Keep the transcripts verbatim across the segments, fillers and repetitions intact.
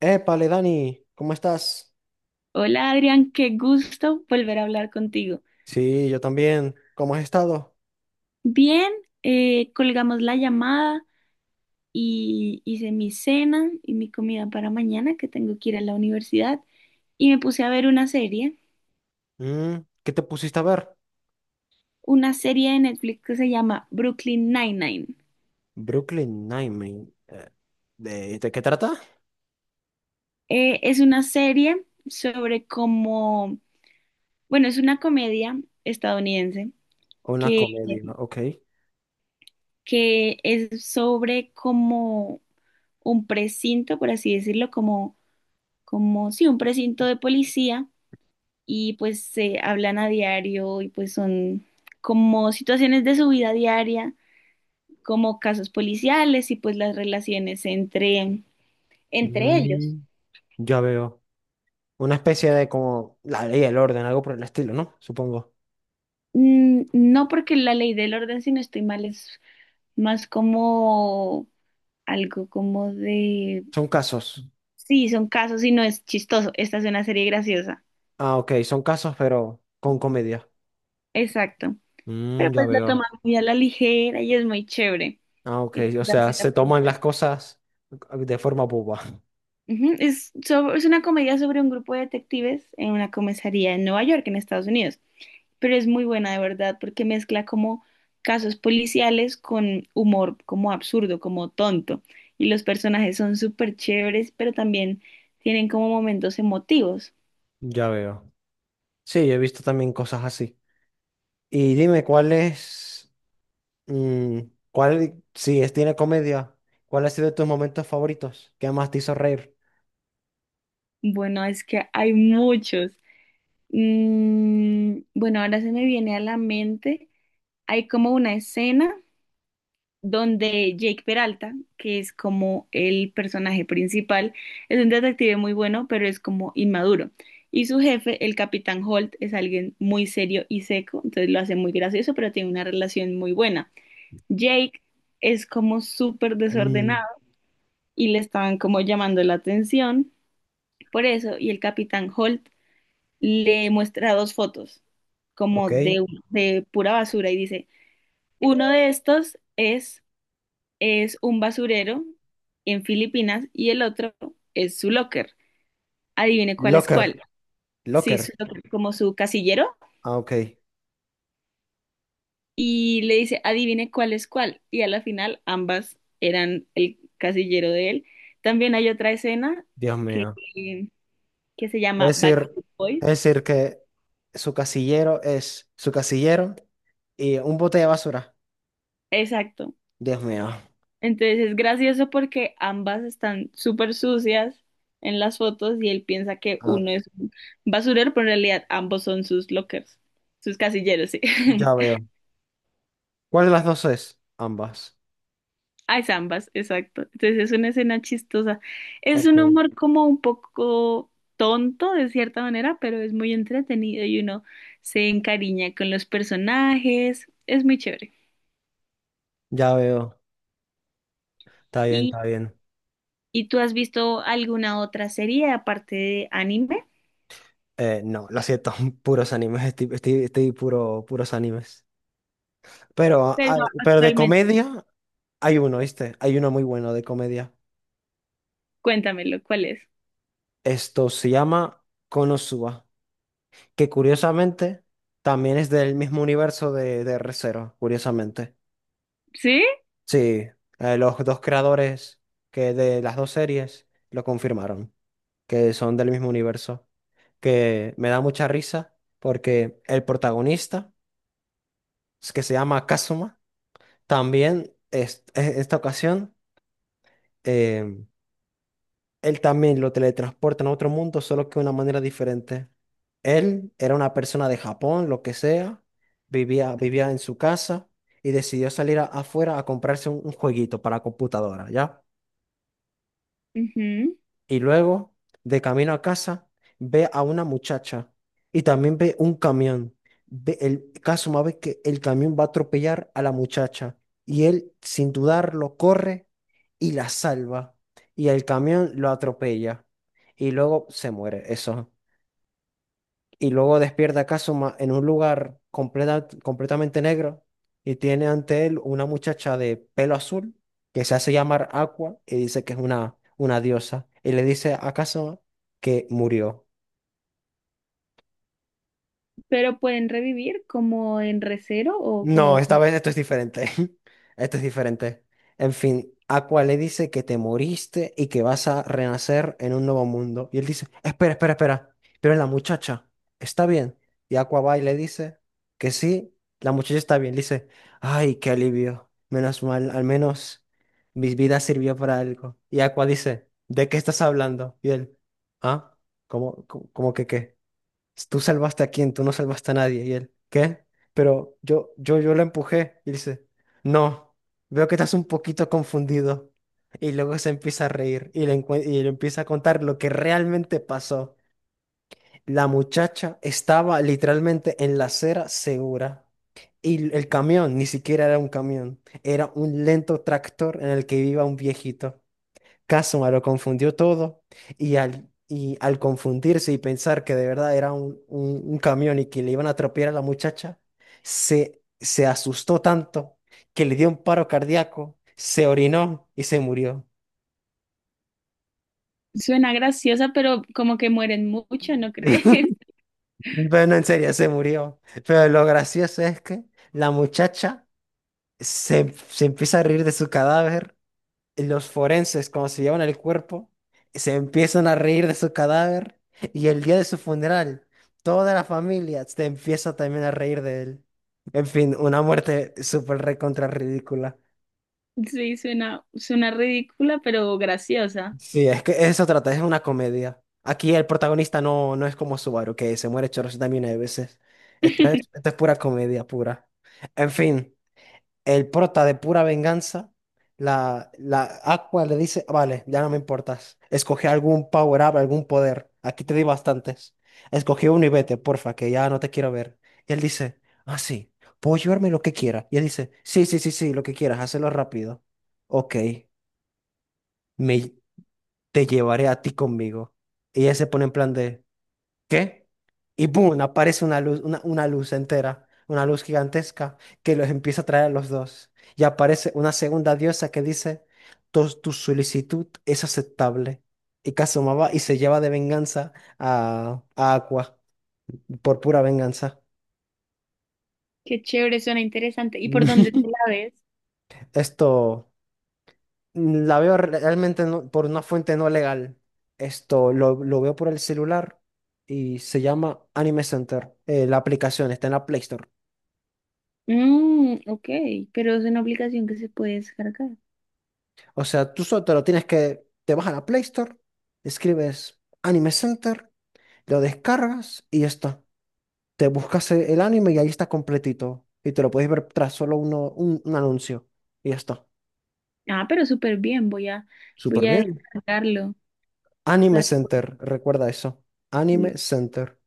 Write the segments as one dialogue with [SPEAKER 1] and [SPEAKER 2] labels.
[SPEAKER 1] Épale, Dani, ¿cómo estás?
[SPEAKER 2] Hola Adrián, qué gusto volver a hablar contigo.
[SPEAKER 1] Sí, yo también. ¿Cómo has estado?
[SPEAKER 2] Bien, eh, colgamos la llamada y hice mi cena y mi comida para mañana, que tengo que ir a la universidad, y me puse a ver una serie,
[SPEAKER 1] Mm, ¿qué te pusiste a ver?
[SPEAKER 2] una serie de Netflix que se llama Brooklyn Nine-Nine.
[SPEAKER 1] Brooklyn Nine-Nine. Eh, ¿De, de qué trata?
[SPEAKER 2] Eh, es una serie sobre cómo, bueno, es una comedia estadounidense
[SPEAKER 1] Una
[SPEAKER 2] que,
[SPEAKER 1] comedia, ok.
[SPEAKER 2] que es sobre como un precinto, por así decirlo, como, como, sí, un precinto de policía y pues se hablan a diario y pues son como situaciones de su vida diaria, como casos policiales y pues las relaciones entre, entre ellos.
[SPEAKER 1] Mm, ya veo. Una especie de como la ley y el orden, algo por el estilo, ¿no? Supongo.
[SPEAKER 2] Mm, no, porque la ley del orden, si no estoy mal, es más como algo como de,
[SPEAKER 1] Son casos.
[SPEAKER 2] sí, son casos y no es chistoso, esta es una serie graciosa,
[SPEAKER 1] Ah, ok, son casos, pero con comedia.
[SPEAKER 2] exacto. Pero
[SPEAKER 1] Mm, ya
[SPEAKER 2] pues la toman
[SPEAKER 1] veo.
[SPEAKER 2] muy a la ligera y es muy chévere.
[SPEAKER 1] Ah, ok,
[SPEAKER 2] La
[SPEAKER 1] o
[SPEAKER 2] verdad,
[SPEAKER 1] sea,
[SPEAKER 2] sí la
[SPEAKER 1] se
[SPEAKER 2] puedo.
[SPEAKER 1] toman las cosas de forma boba.
[SPEAKER 2] Ujú. Es, sobre- es una comedia sobre un grupo de detectives en una comisaría en Nueva York, en Estados Unidos, pero es muy buena de verdad porque mezcla como casos policiales con humor como absurdo, como tonto, y los personajes son súper chéveres, pero también tienen como momentos emotivos.
[SPEAKER 1] Ya veo. Sí, he visto también cosas así. Y dime, ¿cuál es, mm, cuál, si es, tiene comedia, cuál ha sido tus momentos favoritos? ¿Qué más te hizo reír?
[SPEAKER 2] Bueno, es que hay muchos. Mm, bueno, ahora se me viene a la mente, hay como una escena donde Jake Peralta, que es como el personaje principal, es un detective muy bueno, pero es como inmaduro. Y su jefe, el Capitán Holt, es alguien muy serio y seco, entonces lo hace muy gracioso, pero tiene una relación muy buena. Jake es como súper
[SPEAKER 1] Mm,
[SPEAKER 2] desordenado y le estaban como llamando la atención por eso, y el Capitán Holt le muestra dos fotos como
[SPEAKER 1] ok.
[SPEAKER 2] de, de pura basura y dice, uno de estos es es un basurero en Filipinas y el otro es su locker. Adivine cuál es
[SPEAKER 1] Locker,
[SPEAKER 2] cuál. Sí, su
[SPEAKER 1] locker.
[SPEAKER 2] locker, como su casillero.
[SPEAKER 1] Ah, ok.
[SPEAKER 2] Y le dice, adivine cuál es cuál. Y a la final ambas eran el casillero de él. También hay otra escena
[SPEAKER 1] Dios
[SPEAKER 2] que,
[SPEAKER 1] mío.
[SPEAKER 2] que se
[SPEAKER 1] Es
[SPEAKER 2] llama
[SPEAKER 1] decir,
[SPEAKER 2] Backstreet Boys.
[SPEAKER 1] es decir que su casillero es su casillero y un bote de basura.
[SPEAKER 2] Exacto.
[SPEAKER 1] Dios mío.
[SPEAKER 2] Entonces es gracioso porque ambas están súper sucias en las fotos y él piensa que uno
[SPEAKER 1] Ah,
[SPEAKER 2] es un basurero, pero en realidad ambos son sus lockers, sus casilleros, sí.
[SPEAKER 1] ya veo. ¿Cuál de las dos es? Ambas.
[SPEAKER 2] Ah, es ambas, exacto. Entonces es una escena chistosa. Es
[SPEAKER 1] Ok.
[SPEAKER 2] un humor como un poco tonto de cierta manera, pero es muy entretenido y uno se encariña con los personajes. Es muy chévere.
[SPEAKER 1] Ya veo. Está bien,
[SPEAKER 2] ¿Y,
[SPEAKER 1] está bien.
[SPEAKER 2] y tú has visto alguna otra serie aparte de anime?
[SPEAKER 1] Eh, no, lo siento, puros animes, estoy, estoy, estoy puro, puros animes. Pero,
[SPEAKER 2] Pero
[SPEAKER 1] ah, pero de
[SPEAKER 2] actualmente.
[SPEAKER 1] comedia hay uno, ¿viste? Hay uno muy bueno de comedia.
[SPEAKER 2] Cuéntamelo, ¿cuál es?
[SPEAKER 1] Esto se llama Konosuba, que curiosamente también es del mismo universo de, de Re:Zero, curiosamente.
[SPEAKER 2] ¿Sí?
[SPEAKER 1] Sí, eh, los dos creadores que de las dos series lo confirmaron, que son del mismo universo, que me da mucha risa porque el protagonista, que se llama Kazuma, también es, en esta ocasión, em, él también lo teletransportan a otro mundo, solo que de una manera diferente. Él era una persona de Japón, lo que sea, vivía, vivía en su casa y decidió salir a- afuera a comprarse un, un jueguito para computadora, ¿ya?
[SPEAKER 2] Ujú.
[SPEAKER 1] Y luego, de camino a casa, ve a una muchacha y también ve un camión. Ve el caso más ve que el camión va a atropellar a la muchacha y él, sin dudarlo, corre y la salva. Y el camión lo atropella y luego se muere. Eso, y luego despierta a Kazuma en un lugar completa- completamente negro, y tiene ante él una muchacha de pelo azul que se hace llamar Aqua y dice que es una, una diosa y le dice a Kazuma que murió.
[SPEAKER 2] Pero pueden revivir como en recero o
[SPEAKER 1] No,
[SPEAKER 2] como...
[SPEAKER 1] esta vez esto es diferente. Esto es diferente. En fin, Aqua le dice que te moriste y que vas a renacer en un nuevo mundo. Y él dice, espera, espera, espera. Pero la muchacha está bien. Y Aqua va y le dice que sí, la muchacha está bien. Le dice, ay, qué alivio. Menos mal, al menos mi vida sirvió para algo. Y Aqua dice, ¿de qué estás hablando? Y él, ¿ah? ¿Cómo, cómo, cómo que qué? Tú salvaste a quién, tú no salvaste a nadie. Y él, ¿qué? Pero yo, yo, yo la empujé. Y dice, no, veo que estás un poquito confundido. Y luego se empieza a reír y le, encue- y le empieza a contar lo que realmente pasó. La muchacha estaba literalmente en la acera segura. Y el camión ni siquiera era un camión, era un lento tractor en el que iba un viejito. Kazuma lo confundió todo y al, y al confundirse y pensar que de verdad era un, un, un camión y que le iban a atropellar a la muchacha, se, se asustó tanto que le dio un paro cardíaco, se orinó y se murió.
[SPEAKER 2] Suena graciosa, pero como que mueren mucho, ¿no crees?
[SPEAKER 1] Bueno, en serio, se murió. Pero lo gracioso es que la muchacha se, se empieza a reír de su cadáver, los forenses, cuando se llevan el cuerpo, se empiezan a reír de su cadáver, y el día de su funeral, toda la familia se empieza también a reír de él. En fin, una muerte súper recontra ridícula.
[SPEAKER 2] Sí, suena, suena ridícula, pero graciosa.
[SPEAKER 1] Sí, es que eso trata, es una comedia. Aquí el protagonista no, no es como Subaru, que se muere chorros también de veces. Esto es, esto es pura comedia, pura. En fin. El prota de pura venganza, la, la Aqua le dice, vale, ya no me importas. Escoge algún power up, algún poder. Aquí te di bastantes. Escogí uno y vete, porfa, que ya no te quiero ver. Y él dice, ah, sí, puedo llevarme lo que quiera. Y él dice, sí, sí, sí, sí, lo que quieras, hazlo rápido. Ok, me, te llevaré a ti conmigo. Y ella se pone en plan de... ¿qué? Y ¡boom! Aparece una luz, una, una luz entera, una luz gigantesca que los empieza a traer a los dos. Y aparece una segunda diosa que dice, tu, tu solicitud es aceptable. Y Kazuma va y se lleva de venganza a, a Aqua, por pura venganza.
[SPEAKER 2] Qué chévere, suena interesante. ¿Y por dónde te la ves?
[SPEAKER 1] Esto, mm, la veo re- realmente no- por una fuente no legal. Esto lo, lo veo por el celular y se llama Anime Center. Eh, la aplicación está en la Play Store.
[SPEAKER 2] Mm, ok, pero es una aplicación que se puede descargar.
[SPEAKER 1] O sea, tú solo te lo tienes que, te vas a la Play Store, escribes Anime Center, lo descargas y ya está. Te buscas e- el anime y ahí está completito. Y te lo puedes ver tras solo uno, un, un anuncio. Y ya está.
[SPEAKER 2] Ah, pero súper bien, voy a,
[SPEAKER 1] Súper
[SPEAKER 2] voy a
[SPEAKER 1] bien.
[SPEAKER 2] descargarlo
[SPEAKER 1] Anime
[SPEAKER 2] para...
[SPEAKER 1] Center, recuerda eso. Anime Center.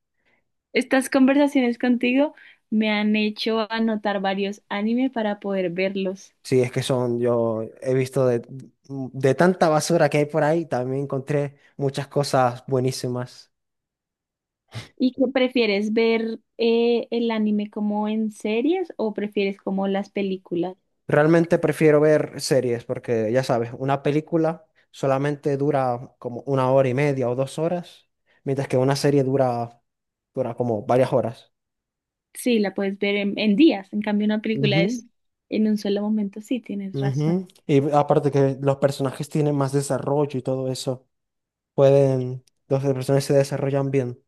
[SPEAKER 2] Estas conversaciones contigo me han hecho anotar varios anime para poder verlos.
[SPEAKER 1] Sí, es que son, yo he visto de, de tanta basura que hay por ahí, también encontré muchas cosas buenísimas.
[SPEAKER 2] ¿Y qué prefieres ver, eh, el anime como en series o prefieres como las películas?
[SPEAKER 1] Realmente prefiero ver series porque, ya sabes, una película solamente dura como una hora y media o dos horas, mientras que una serie dura, dura como varias horas.
[SPEAKER 2] Sí, la puedes ver en, en días. En cambio, una película
[SPEAKER 1] Ujú,
[SPEAKER 2] es en un solo momento. Sí, tienes razón.
[SPEAKER 1] ujú. Y aparte que los personajes tienen más desarrollo y todo eso, pueden, los personajes se desarrollan bien.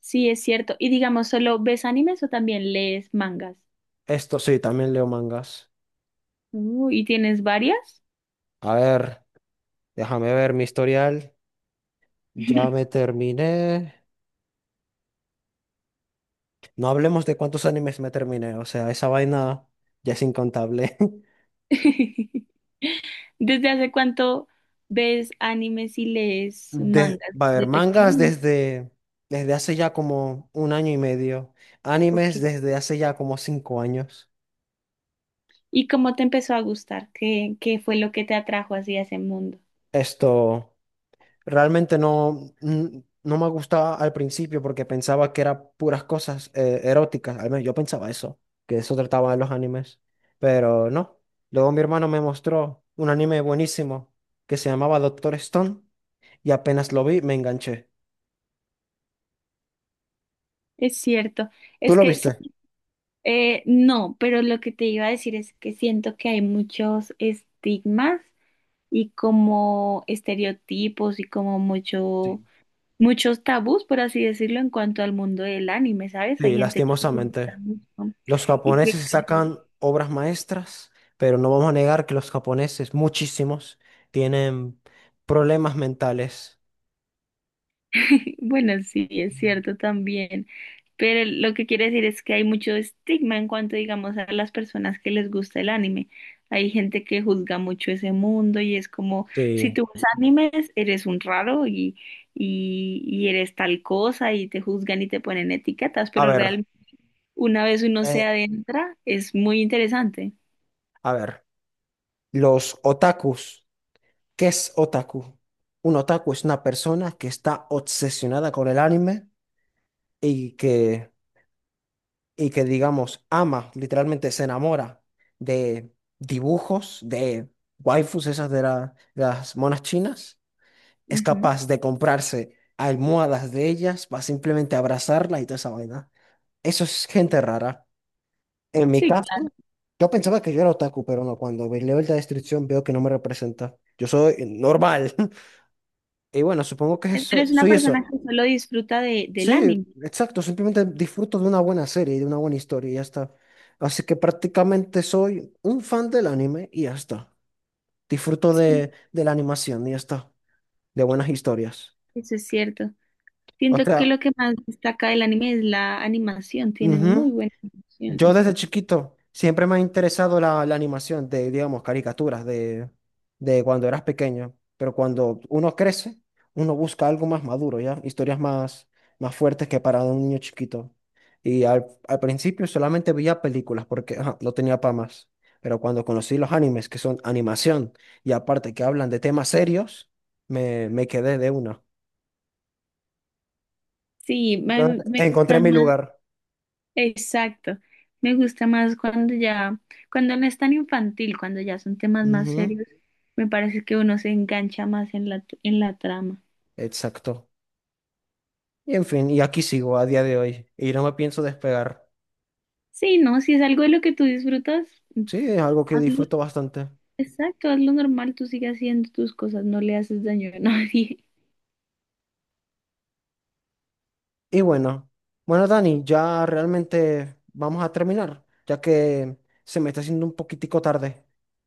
[SPEAKER 2] Sí, es cierto. Y digamos, ¿solo ves animes o también lees mangas?
[SPEAKER 1] Esto sí, también leo mangas.
[SPEAKER 2] Uh, ¿y tienes varias?
[SPEAKER 1] A ver, déjame ver mi historial. Ya me terminé. No hablemos de cuántos animes me terminé, o sea, esa vaina ya es incontable.
[SPEAKER 2] ¿Desde hace cuánto ves animes y lees
[SPEAKER 1] De,
[SPEAKER 2] mangas?
[SPEAKER 1] va a haber
[SPEAKER 2] ¿De
[SPEAKER 1] mangas
[SPEAKER 2] pequeño?
[SPEAKER 1] desde, desde hace ya como un año y medio, animes
[SPEAKER 2] Ok.
[SPEAKER 1] desde hace ya como cinco años.
[SPEAKER 2] ¿Y cómo te empezó a gustar? ¿Qué, qué fue lo que te atrajo hacia ese mundo?
[SPEAKER 1] Esto realmente no, n- no me gustaba al principio porque pensaba que eran puras cosas eh, eróticas, al menos yo pensaba eso, que eso trataba de los animes, pero no. Luego mi hermano me mostró un anime buenísimo que se llamaba Doctor Stone y apenas lo vi me enganché.
[SPEAKER 2] Es cierto,
[SPEAKER 1] ¿Tú
[SPEAKER 2] es
[SPEAKER 1] lo
[SPEAKER 2] que sa-
[SPEAKER 1] viste?
[SPEAKER 2] eh, no, pero lo que te iba a decir es que siento que hay muchos estigmas y como estereotipos y como mucho,
[SPEAKER 1] Sí.
[SPEAKER 2] muchos tabús, por así decirlo, en cuanto al mundo del anime, ¿sabes? Hay
[SPEAKER 1] Sí,
[SPEAKER 2] gente que le gusta
[SPEAKER 1] lastimosamente.
[SPEAKER 2] mucho
[SPEAKER 1] Los
[SPEAKER 2] y que
[SPEAKER 1] japoneses
[SPEAKER 2] cree...
[SPEAKER 1] sacan obras maestras, pero no vamos a negar que los japoneses, muchísimos, tienen problemas mentales.
[SPEAKER 2] Sí, bueno, sí, es cierto también, pero lo que quiere decir es que hay mucho estigma en cuanto, digamos, a las personas que les gusta el anime. Hay gente que juzga mucho ese mundo y es como, si
[SPEAKER 1] Sí.
[SPEAKER 2] tú ves animes, eres un raro y, y, y eres tal cosa y te juzgan y te ponen etiquetas,
[SPEAKER 1] A
[SPEAKER 2] pero
[SPEAKER 1] ver,
[SPEAKER 2] realmente una vez uno se
[SPEAKER 1] eh,
[SPEAKER 2] adentra, es muy interesante.
[SPEAKER 1] a ver, los otakus, ¿qué es otaku? Un otaku es una persona que está obsesionada con el anime y que, y que digamos, ama, literalmente se enamora de dibujos, de waifus, esas de la- las monas chinas, es
[SPEAKER 2] Ujú.
[SPEAKER 1] capaz de comprarse almohadas de ellas para simplemente abrazarla y toda esa vaina. Eso es gente rara. En mi
[SPEAKER 2] Sí,
[SPEAKER 1] caso,
[SPEAKER 2] claro.
[SPEAKER 1] yo pensaba que yo era otaku, pero no, cuando ve- leo la descripción veo que no me representa. Yo soy normal. Y bueno, supongo que eso,
[SPEAKER 2] Eres una
[SPEAKER 1] soy
[SPEAKER 2] persona
[SPEAKER 1] eso.
[SPEAKER 2] que solo disfruta de, del
[SPEAKER 1] Sí,
[SPEAKER 2] anime.
[SPEAKER 1] exacto, simplemente disfruto de una buena serie y de una buena historia y ya está. Así que prácticamente soy un fan del anime y ya está. Disfruto
[SPEAKER 2] Sí,
[SPEAKER 1] de, de la animación y ya está. De buenas historias.
[SPEAKER 2] eso es cierto.
[SPEAKER 1] O
[SPEAKER 2] Siento que
[SPEAKER 1] sea,
[SPEAKER 2] lo que más destaca del anime es la animación, tienen muy
[SPEAKER 1] ujú,
[SPEAKER 2] buena
[SPEAKER 1] yo
[SPEAKER 2] animación.
[SPEAKER 1] desde chiquito siempre me ha interesado la, la animación de, digamos, caricaturas de, de cuando eras pequeño, pero cuando uno crece, uno busca algo más maduro, ¿ya? Historias más, más fuertes que para un niño chiquito. Y al, al principio solamente veía películas porque ajá, no tenía para más, pero cuando conocí los animes, que son animación, y aparte que hablan de temas serios, me, me quedé de una.
[SPEAKER 2] Sí,
[SPEAKER 1] Yo
[SPEAKER 2] me, me
[SPEAKER 1] encontré
[SPEAKER 2] gustan
[SPEAKER 1] mi
[SPEAKER 2] más,
[SPEAKER 1] lugar.
[SPEAKER 2] exacto, me gusta más cuando ya, cuando no es tan infantil, cuando ya son temas más
[SPEAKER 1] Ujú,
[SPEAKER 2] serios, me parece que uno se engancha más en la, en la trama.
[SPEAKER 1] exacto. Y en fin, y aquí sigo a día de hoy y no me pienso despegar.
[SPEAKER 2] Sí, no, si es algo de lo que tú disfrutas,
[SPEAKER 1] Sí, es algo que
[SPEAKER 2] hazlo,
[SPEAKER 1] disfruto bastante.
[SPEAKER 2] exacto, hazlo normal, tú sigues haciendo tus cosas, no le haces daño a nadie.
[SPEAKER 1] Y bueno, bueno, Dani, ya realmente vamos a terminar, ya que se me está haciendo un poquitico tarde.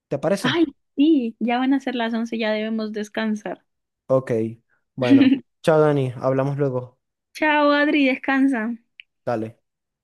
[SPEAKER 1] ¿Te parece?
[SPEAKER 2] Ay, sí, ya van a ser las once, ya debemos descansar.
[SPEAKER 1] Ok, bueno, chao Dani, hablamos luego.
[SPEAKER 2] Chao, Adri, descansa.
[SPEAKER 1] Dale.